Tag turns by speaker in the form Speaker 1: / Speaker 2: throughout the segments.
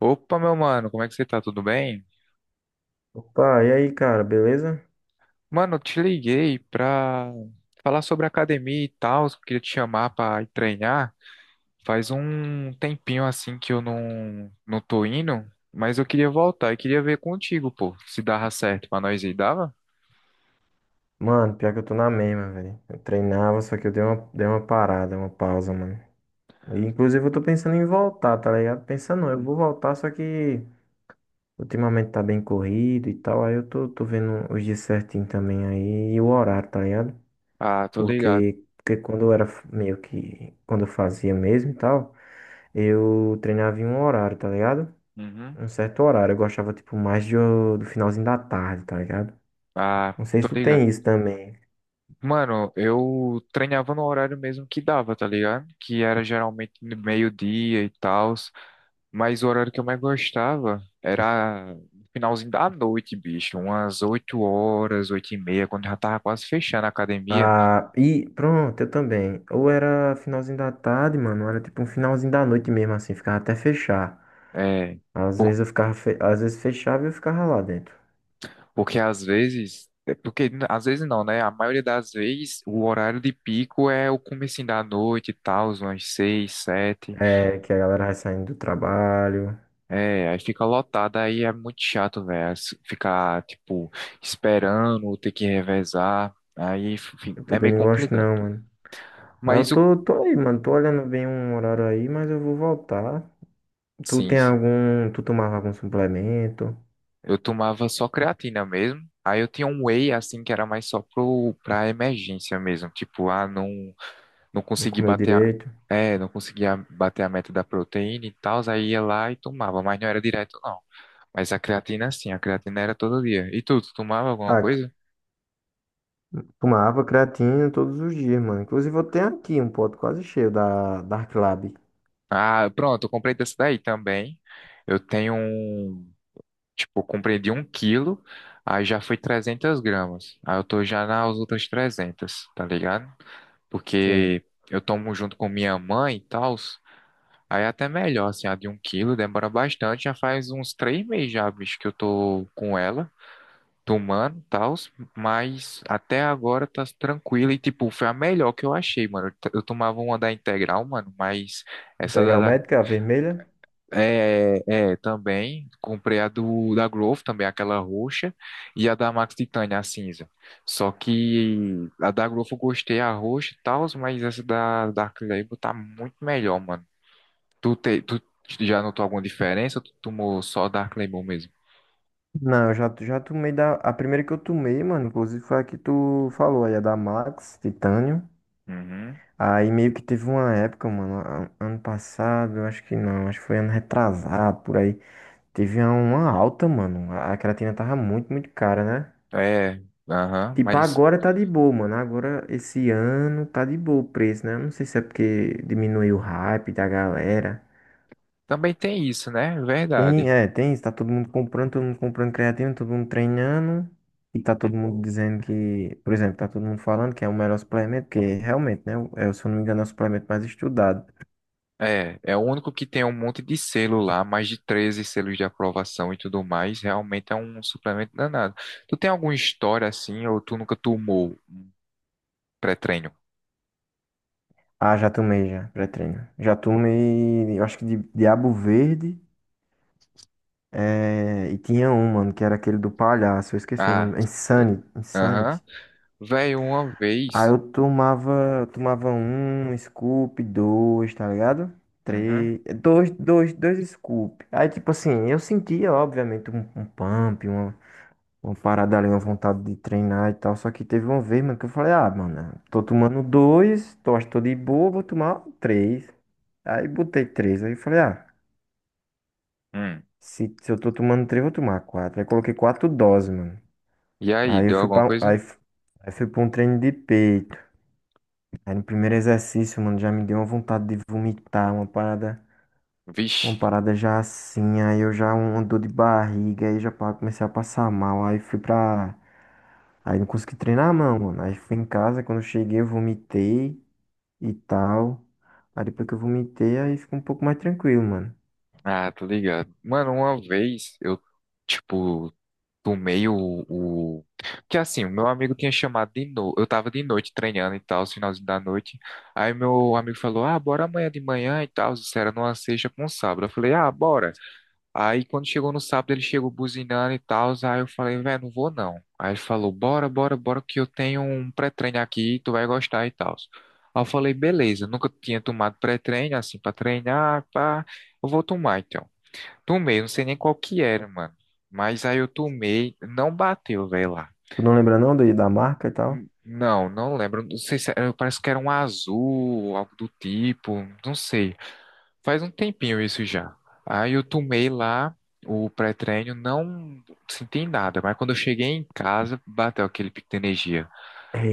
Speaker 1: Opa, meu mano, como é que você tá? Tudo bem?
Speaker 2: Opa, e aí, cara, beleza?
Speaker 1: Mano, eu te liguei pra falar sobre academia e tal, eu queria te chamar pra ir treinar. Faz um tempinho assim que eu não tô indo, mas eu queria voltar e queria ver contigo, pô, se dava certo pra nós aí. Dava?
Speaker 2: Mano, pior que eu tô na mesma, velho. Eu treinava, só que eu dei uma parada, uma pausa, mano. E, inclusive, eu tô pensando em voltar, tá ligado? Pensando, não, eu vou voltar, só que ultimamente tá bem corrido e tal. Aí eu tô vendo os dias certinho também aí e o horário, tá ligado?
Speaker 1: Ah, tô ligado.
Speaker 2: Porque quando eu era meio que. Quando eu fazia mesmo e tal, eu treinava em um horário, tá ligado?
Speaker 1: Uhum.
Speaker 2: Um certo horário. Eu gostava, tipo, mais do finalzinho da tarde, tá ligado?
Speaker 1: Ah,
Speaker 2: Não sei
Speaker 1: tô
Speaker 2: se tu tem
Speaker 1: ligado.
Speaker 2: isso também.
Speaker 1: Mano, eu treinava no horário mesmo que dava, tá ligado? Que era geralmente no meio-dia e tal. Mas o horário que eu mais gostava era no finalzinho da noite, bicho. Umas 8 horas, 8 e meia, quando já tava quase fechando a academia.
Speaker 2: Ah, e pronto, eu também. Ou era finalzinho da tarde, mano, ou era tipo um finalzinho da noite mesmo, assim, ficava até fechar.
Speaker 1: É,
Speaker 2: Às
Speaker 1: por-
Speaker 2: vezes eu ficava, às vezes fechava e eu ficava lá dentro.
Speaker 1: Porque às vezes não, né? A maioria das vezes o horário de pico é o comecinho da noite e tal, umas 6, 7,
Speaker 2: É, que a galera vai saindo do trabalho.
Speaker 1: é, aí fica lotado, aí é muito chato, velho. Ficar, tipo, esperando, ter que revezar.
Speaker 2: Eu
Speaker 1: É
Speaker 2: também
Speaker 1: meio
Speaker 2: não gosto
Speaker 1: complicado.
Speaker 2: não, mano. Ah, eu
Speaker 1: Mas o.
Speaker 2: tô aí, mano, tô olhando bem um horário aí, mas eu vou voltar. Tu
Speaker 1: Sim,
Speaker 2: tem
Speaker 1: sim.
Speaker 2: algum, tu tomava algum suplemento?
Speaker 1: Eu tomava só creatina mesmo. Aí eu tinha um whey, assim, que era mais só pra emergência mesmo. Tipo, ah, não, não
Speaker 2: Não
Speaker 1: consegui
Speaker 2: comeu
Speaker 1: bater a,
Speaker 2: direito?
Speaker 1: é, não conseguia bater a meta da proteína e tal. Aí ia lá e tomava, mas não era direto, não. Mas a creatina, sim, a creatina era todo dia. E tu, tu tomava alguma
Speaker 2: Ah,
Speaker 1: coisa?
Speaker 2: tomava creatina todos os dias, mano. Inclusive eu tenho aqui um pote quase cheio da Dark Lab.
Speaker 1: Ah, pronto, eu comprei dessa daí também. Eu tenho um, tipo, eu comprei de um quilo, aí já foi 300 gramas. Aí eu tô já nas outras trezentas, tá ligado?
Speaker 2: Sei.
Speaker 1: Porque eu tomo junto com minha mãe e tal. Aí é até melhor, assim, a de um quilo demora bastante, já faz uns três meses já, bicho, que eu tô com ela, tomando e tal, mas até agora tá tranquila e, tipo, foi a melhor que eu achei, mano. Eu tomava uma da integral, mano, mas essa
Speaker 2: Integral
Speaker 1: da,
Speaker 2: médica, a vermelha?
Speaker 1: é, é, também comprei a do da Growth, também aquela roxa, e a da Max Titânia, a cinza. Só que a da Growth eu gostei, a roxa e tal, mas essa da Dark Label tá muito melhor, mano. Tu já notou alguma diferença ou tu tomou só Dark Label mesmo?
Speaker 2: Não, eu já tomei da. A primeira que eu tomei, mano, inclusive foi a que tu falou aí, a da Max, Titânio.
Speaker 1: Uhum.
Speaker 2: Aí meio que teve uma época, mano, ano passado, eu acho que não, acho que foi ano retrasado, por aí. Teve uma alta, mano. A creatina tava muito, muito cara, né?
Speaker 1: É, aham,
Speaker 2: Tipo,
Speaker 1: mas
Speaker 2: agora tá de boa, mano. Agora, esse ano, tá de boa o preço, né? Eu não sei se é porque diminuiu o hype da galera.
Speaker 1: também tem isso, né?
Speaker 2: Tem,
Speaker 1: Verdade.
Speaker 2: é, tem, está todo mundo comprando creatina, todo mundo treinando, e tá
Speaker 1: Hum.
Speaker 2: todo mundo dizendo que, por exemplo, tá todo mundo falando que é o melhor suplemento, porque realmente, né, é, se eu não me engano, é o suplemento mais estudado.
Speaker 1: É, é o único que tem um monte de selo lá, mais de 13 selos de aprovação e tudo mais. Realmente é um suplemento danado. Tu tem alguma história assim, ou tu nunca tomou pré-treino?
Speaker 2: Ah, já tomei já, pré-treino. Já tomei, eu acho que de Diabo Verde, é, e tinha um, mano, que era aquele do palhaço, eu esqueci o
Speaker 1: Ah,
Speaker 2: nome, Insanity,
Speaker 1: aham.
Speaker 2: Insanity.
Speaker 1: Velho, uma
Speaker 2: Aí
Speaker 1: vez.
Speaker 2: eu tomava um scoop, dois, tá ligado?
Speaker 1: Uhum.
Speaker 2: Três, dois, dois, dois scoop. Aí, tipo assim, eu sentia, obviamente, um pump, uma parada ali, uma vontade de treinar e tal. Só que teve uma vez, mano, que eu falei, ah, mano, tô tomando dois, tô, acho que tô de boa, vou tomar três. Aí botei três. Aí eu falei, ah,
Speaker 1: Hum.
Speaker 2: se eu tô tomando três, vou tomar quatro. Aí coloquei quatro doses, mano.
Speaker 1: E aí,
Speaker 2: Aí eu
Speaker 1: deu
Speaker 2: fui
Speaker 1: alguma
Speaker 2: pra, aí,
Speaker 1: coisa?
Speaker 2: f- aí fui pra um treino de peito. Aí no primeiro exercício, mano, já me deu uma vontade de vomitar, uma parada, uma
Speaker 1: Vixe.
Speaker 2: parada já assim, aí eu já uma dor de barriga, aí já comecei a passar mal, aí fui pra. Aí não consegui treinar não, mano. Aí fui em casa, quando eu cheguei eu vomitei e tal. Aí depois que eu vomitei, aí ficou um pouco mais tranquilo, mano.
Speaker 1: Ah, tô ligado. Mano, uma vez eu, tipo, Tomei o, o... Porque assim, o meu amigo tinha chamado de novo. Eu tava de noite treinando e tal, finalzinho da noite. Aí meu amigo falou, ah, bora amanhã de manhã e tal. Isso era numa sexta com sábado. Eu falei, ah, bora. Aí quando chegou no sábado, ele chegou buzinando e tal. Aí eu falei, velho, não vou não. Aí ele falou, bora, bora, bora, que eu tenho um pré-treino aqui, tu vai gostar e tal. Aí eu falei, beleza, nunca tinha tomado pré-treino, assim, pra treinar, pá, eu vou tomar então. Tomei, eu não sei nem qual que era, mano. Mas aí eu tomei, não bateu, velho, lá.
Speaker 2: Tu não lembra não da marca e tal?
Speaker 1: Não, lembro. Não sei se era, parece que era um azul, algo do tipo, não sei. Faz um tempinho isso já. Aí eu tomei lá o pré-treino, não senti nada, mas quando eu cheguei em casa, bateu aquele pico de energia.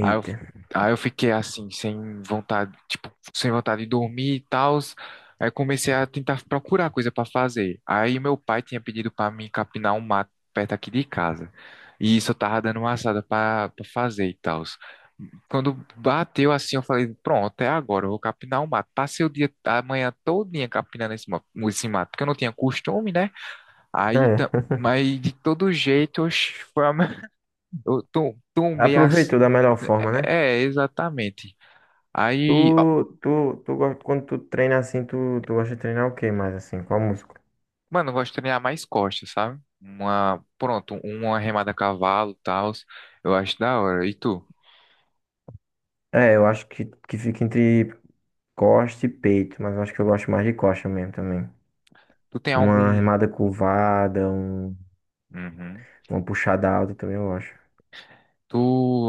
Speaker 1: Aí eu, aí eu fiquei assim, sem vontade, tipo, sem vontade de dormir e tal. Aí comecei a tentar procurar coisa para fazer. Aí meu pai tinha pedido para mim capinar um mato perto aqui de casa. E isso eu tava dando uma assada para fazer e tal. Quando bateu assim, eu falei, pronto, é agora, eu vou capinar o mato. Passei o dia, a manhã todinha capinando esse mato, porque eu não tinha costume, né? Aí, ta-
Speaker 2: É.
Speaker 1: mas de todo jeito, oxe, foi a tô um meio
Speaker 2: Aproveitou
Speaker 1: assim.
Speaker 2: da melhor
Speaker 1: É,
Speaker 2: forma, né?
Speaker 1: é, exatamente. Aí, ó,
Speaker 2: Quando tu treina assim, tu gosta de treinar o que mais assim? Qual música?
Speaker 1: mano, eu gosto de treinar mais costas, sabe? Uma, pronto, uma remada a cavalo, tal. Eu acho da hora. E tu?
Speaker 2: É, eu acho que fica entre costa e peito, mas eu acho que eu gosto mais de costa mesmo também.
Speaker 1: Tu tem
Speaker 2: Uma
Speaker 1: algum.
Speaker 2: remada curvada,
Speaker 1: Uhum.
Speaker 2: uma puxada alta também eu gosto.
Speaker 1: Tu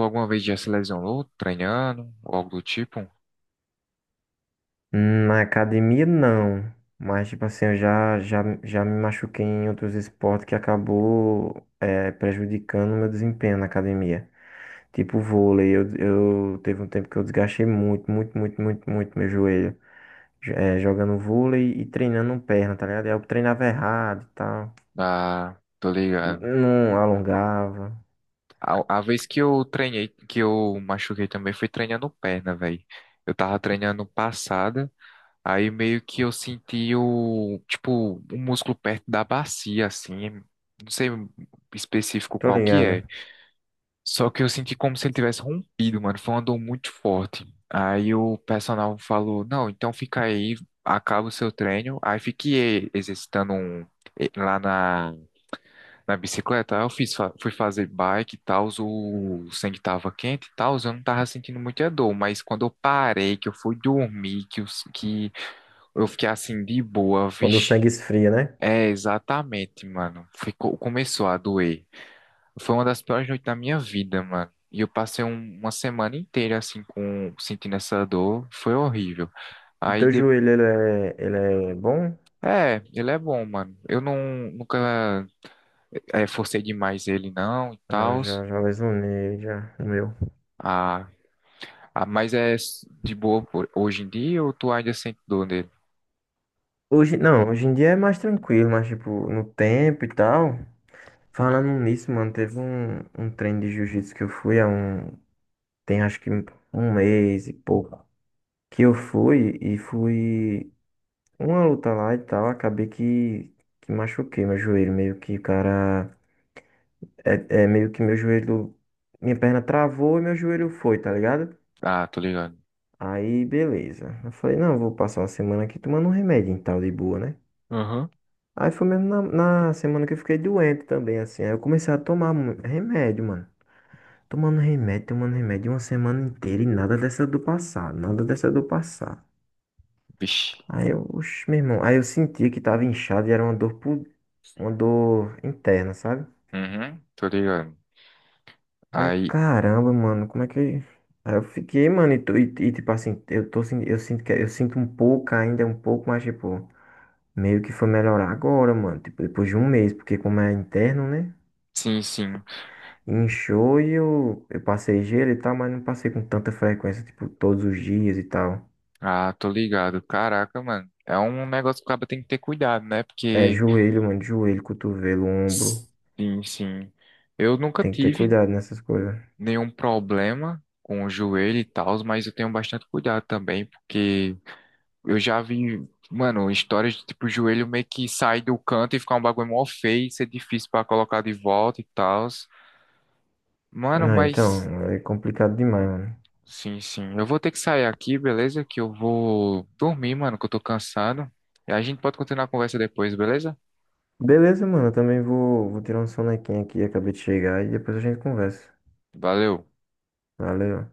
Speaker 1: alguma vez já se lesionou treinando? Ou algo do tipo?
Speaker 2: Na academia, não. Mas, tipo assim, eu já me machuquei em outros esportes que acabou é, prejudicando o meu desempenho na academia. Tipo vôlei, eu teve um tempo que eu desgastei muito, muito, muito, muito, muito meu joelho. É, jogando vôlei e treinando perna, tá ligado? Aí eu treinava errado e tal.
Speaker 1: Ah, tô ligado.
Speaker 2: Não alongava.
Speaker 1: A vez que eu treinei, que eu machuquei também foi treinando perna, velho. Eu tava treinando passada. Aí meio que eu senti o, tipo, um músculo perto da bacia, assim, não sei específico
Speaker 2: Tô
Speaker 1: qual que
Speaker 2: ligado.
Speaker 1: é. Só que eu senti como se ele tivesse rompido, mano, foi uma dor muito forte. Aí o personal falou, não, então fica aí, acaba o seu treino. Aí fiquei exercitando um, lá na, na bicicleta, aí eu fiz, fui fazer bike e tal, o sangue tava quente e tal, eu não tava sentindo muita dor, mas quando eu parei, que eu fui dormir, que, os que eu fiquei assim de boa,
Speaker 2: Quando o
Speaker 1: vixe.
Speaker 2: sangue esfria, né?
Speaker 1: É, exatamente, mano. Ficou, começou a doer. Foi uma das piores noites da minha vida, mano. E eu passei uma semana inteira assim com sentindo essa dor. Foi horrível.
Speaker 2: O
Speaker 1: Aí
Speaker 2: teu
Speaker 1: de...
Speaker 2: joelho, ele é bom?
Speaker 1: É, ele é bom, mano. Eu não nunca é, forcei demais ele não e
Speaker 2: Não, eu
Speaker 1: tal.
Speaker 2: já lesionei, já, o meu.
Speaker 1: Ah, ah, mas é de boa hoje em dia ou tu ainda sente dor nele?
Speaker 2: Hoje, não, hoje em dia é mais tranquilo, mas, tipo, no tempo e tal. Falando nisso, mano, teve um treino de jiu-jitsu que eu fui há um, tem acho que um mês e pouco. Que eu fui e fui uma luta lá e tal, acabei que, machuquei meu joelho, meio que o cara É, é meio que meu joelho, minha perna travou e meu joelho foi, tá ligado?
Speaker 1: Ah, tô ligado.
Speaker 2: Aí, beleza. Eu falei, não, eu vou passar uma semana aqui tomando um remédio e tal, de boa, né?
Speaker 1: Aham.
Speaker 2: Aí foi mesmo na semana que eu fiquei doente também, assim. Aí eu comecei a tomar remédio, mano. Tomando remédio uma semana inteira e nada dessa do passar, nada dessa do passar.
Speaker 1: Vixe.
Speaker 2: Aí eu, oxe, meu irmão, aí eu sentia que tava inchado e era uma dor interna, sabe?
Speaker 1: Uhum, tô ligado.
Speaker 2: Aí eu,
Speaker 1: Aí,
Speaker 2: caramba, mano, como é que. Aí eu fiquei, mano, e, tipo assim, eu sinto que eu sinto um pouco ainda, um pouco, mas tipo, meio que foi melhorar agora, mano. Tipo, depois de um mês, porque como é interno, né?
Speaker 1: sim, sim.
Speaker 2: Inchou e eu passei gelo e tal, mas não passei com tanta frequência, tipo, todos os dias e tal.
Speaker 1: Ah, tô ligado. Caraca, mano. É um negócio que o cara tem que ter cuidado, né?
Speaker 2: É
Speaker 1: Porque,
Speaker 2: joelho, mano, joelho, cotovelo, ombro.
Speaker 1: sim, sim. Eu nunca
Speaker 2: Tem que ter
Speaker 1: tive
Speaker 2: cuidado nessas coisas.
Speaker 1: nenhum problema com o joelho e tal, mas eu tenho bastante cuidado também, porque eu já vi, mano, histórias de tipo, o joelho meio que sai do canto e ficar um bagulho mó feio, ser difícil pra colocar de volta e tal. Mano,
Speaker 2: Ah,
Speaker 1: mas,
Speaker 2: então, é complicado demais, mano.
Speaker 1: sim, sim. Eu vou ter que sair aqui, beleza? Que eu vou dormir, mano, que eu tô cansado. E a gente pode continuar a conversa depois, beleza?
Speaker 2: Beleza, mano, eu também vou tirar um sonequinho aqui, acabei de chegar e depois a gente conversa.
Speaker 1: Valeu.
Speaker 2: Valeu.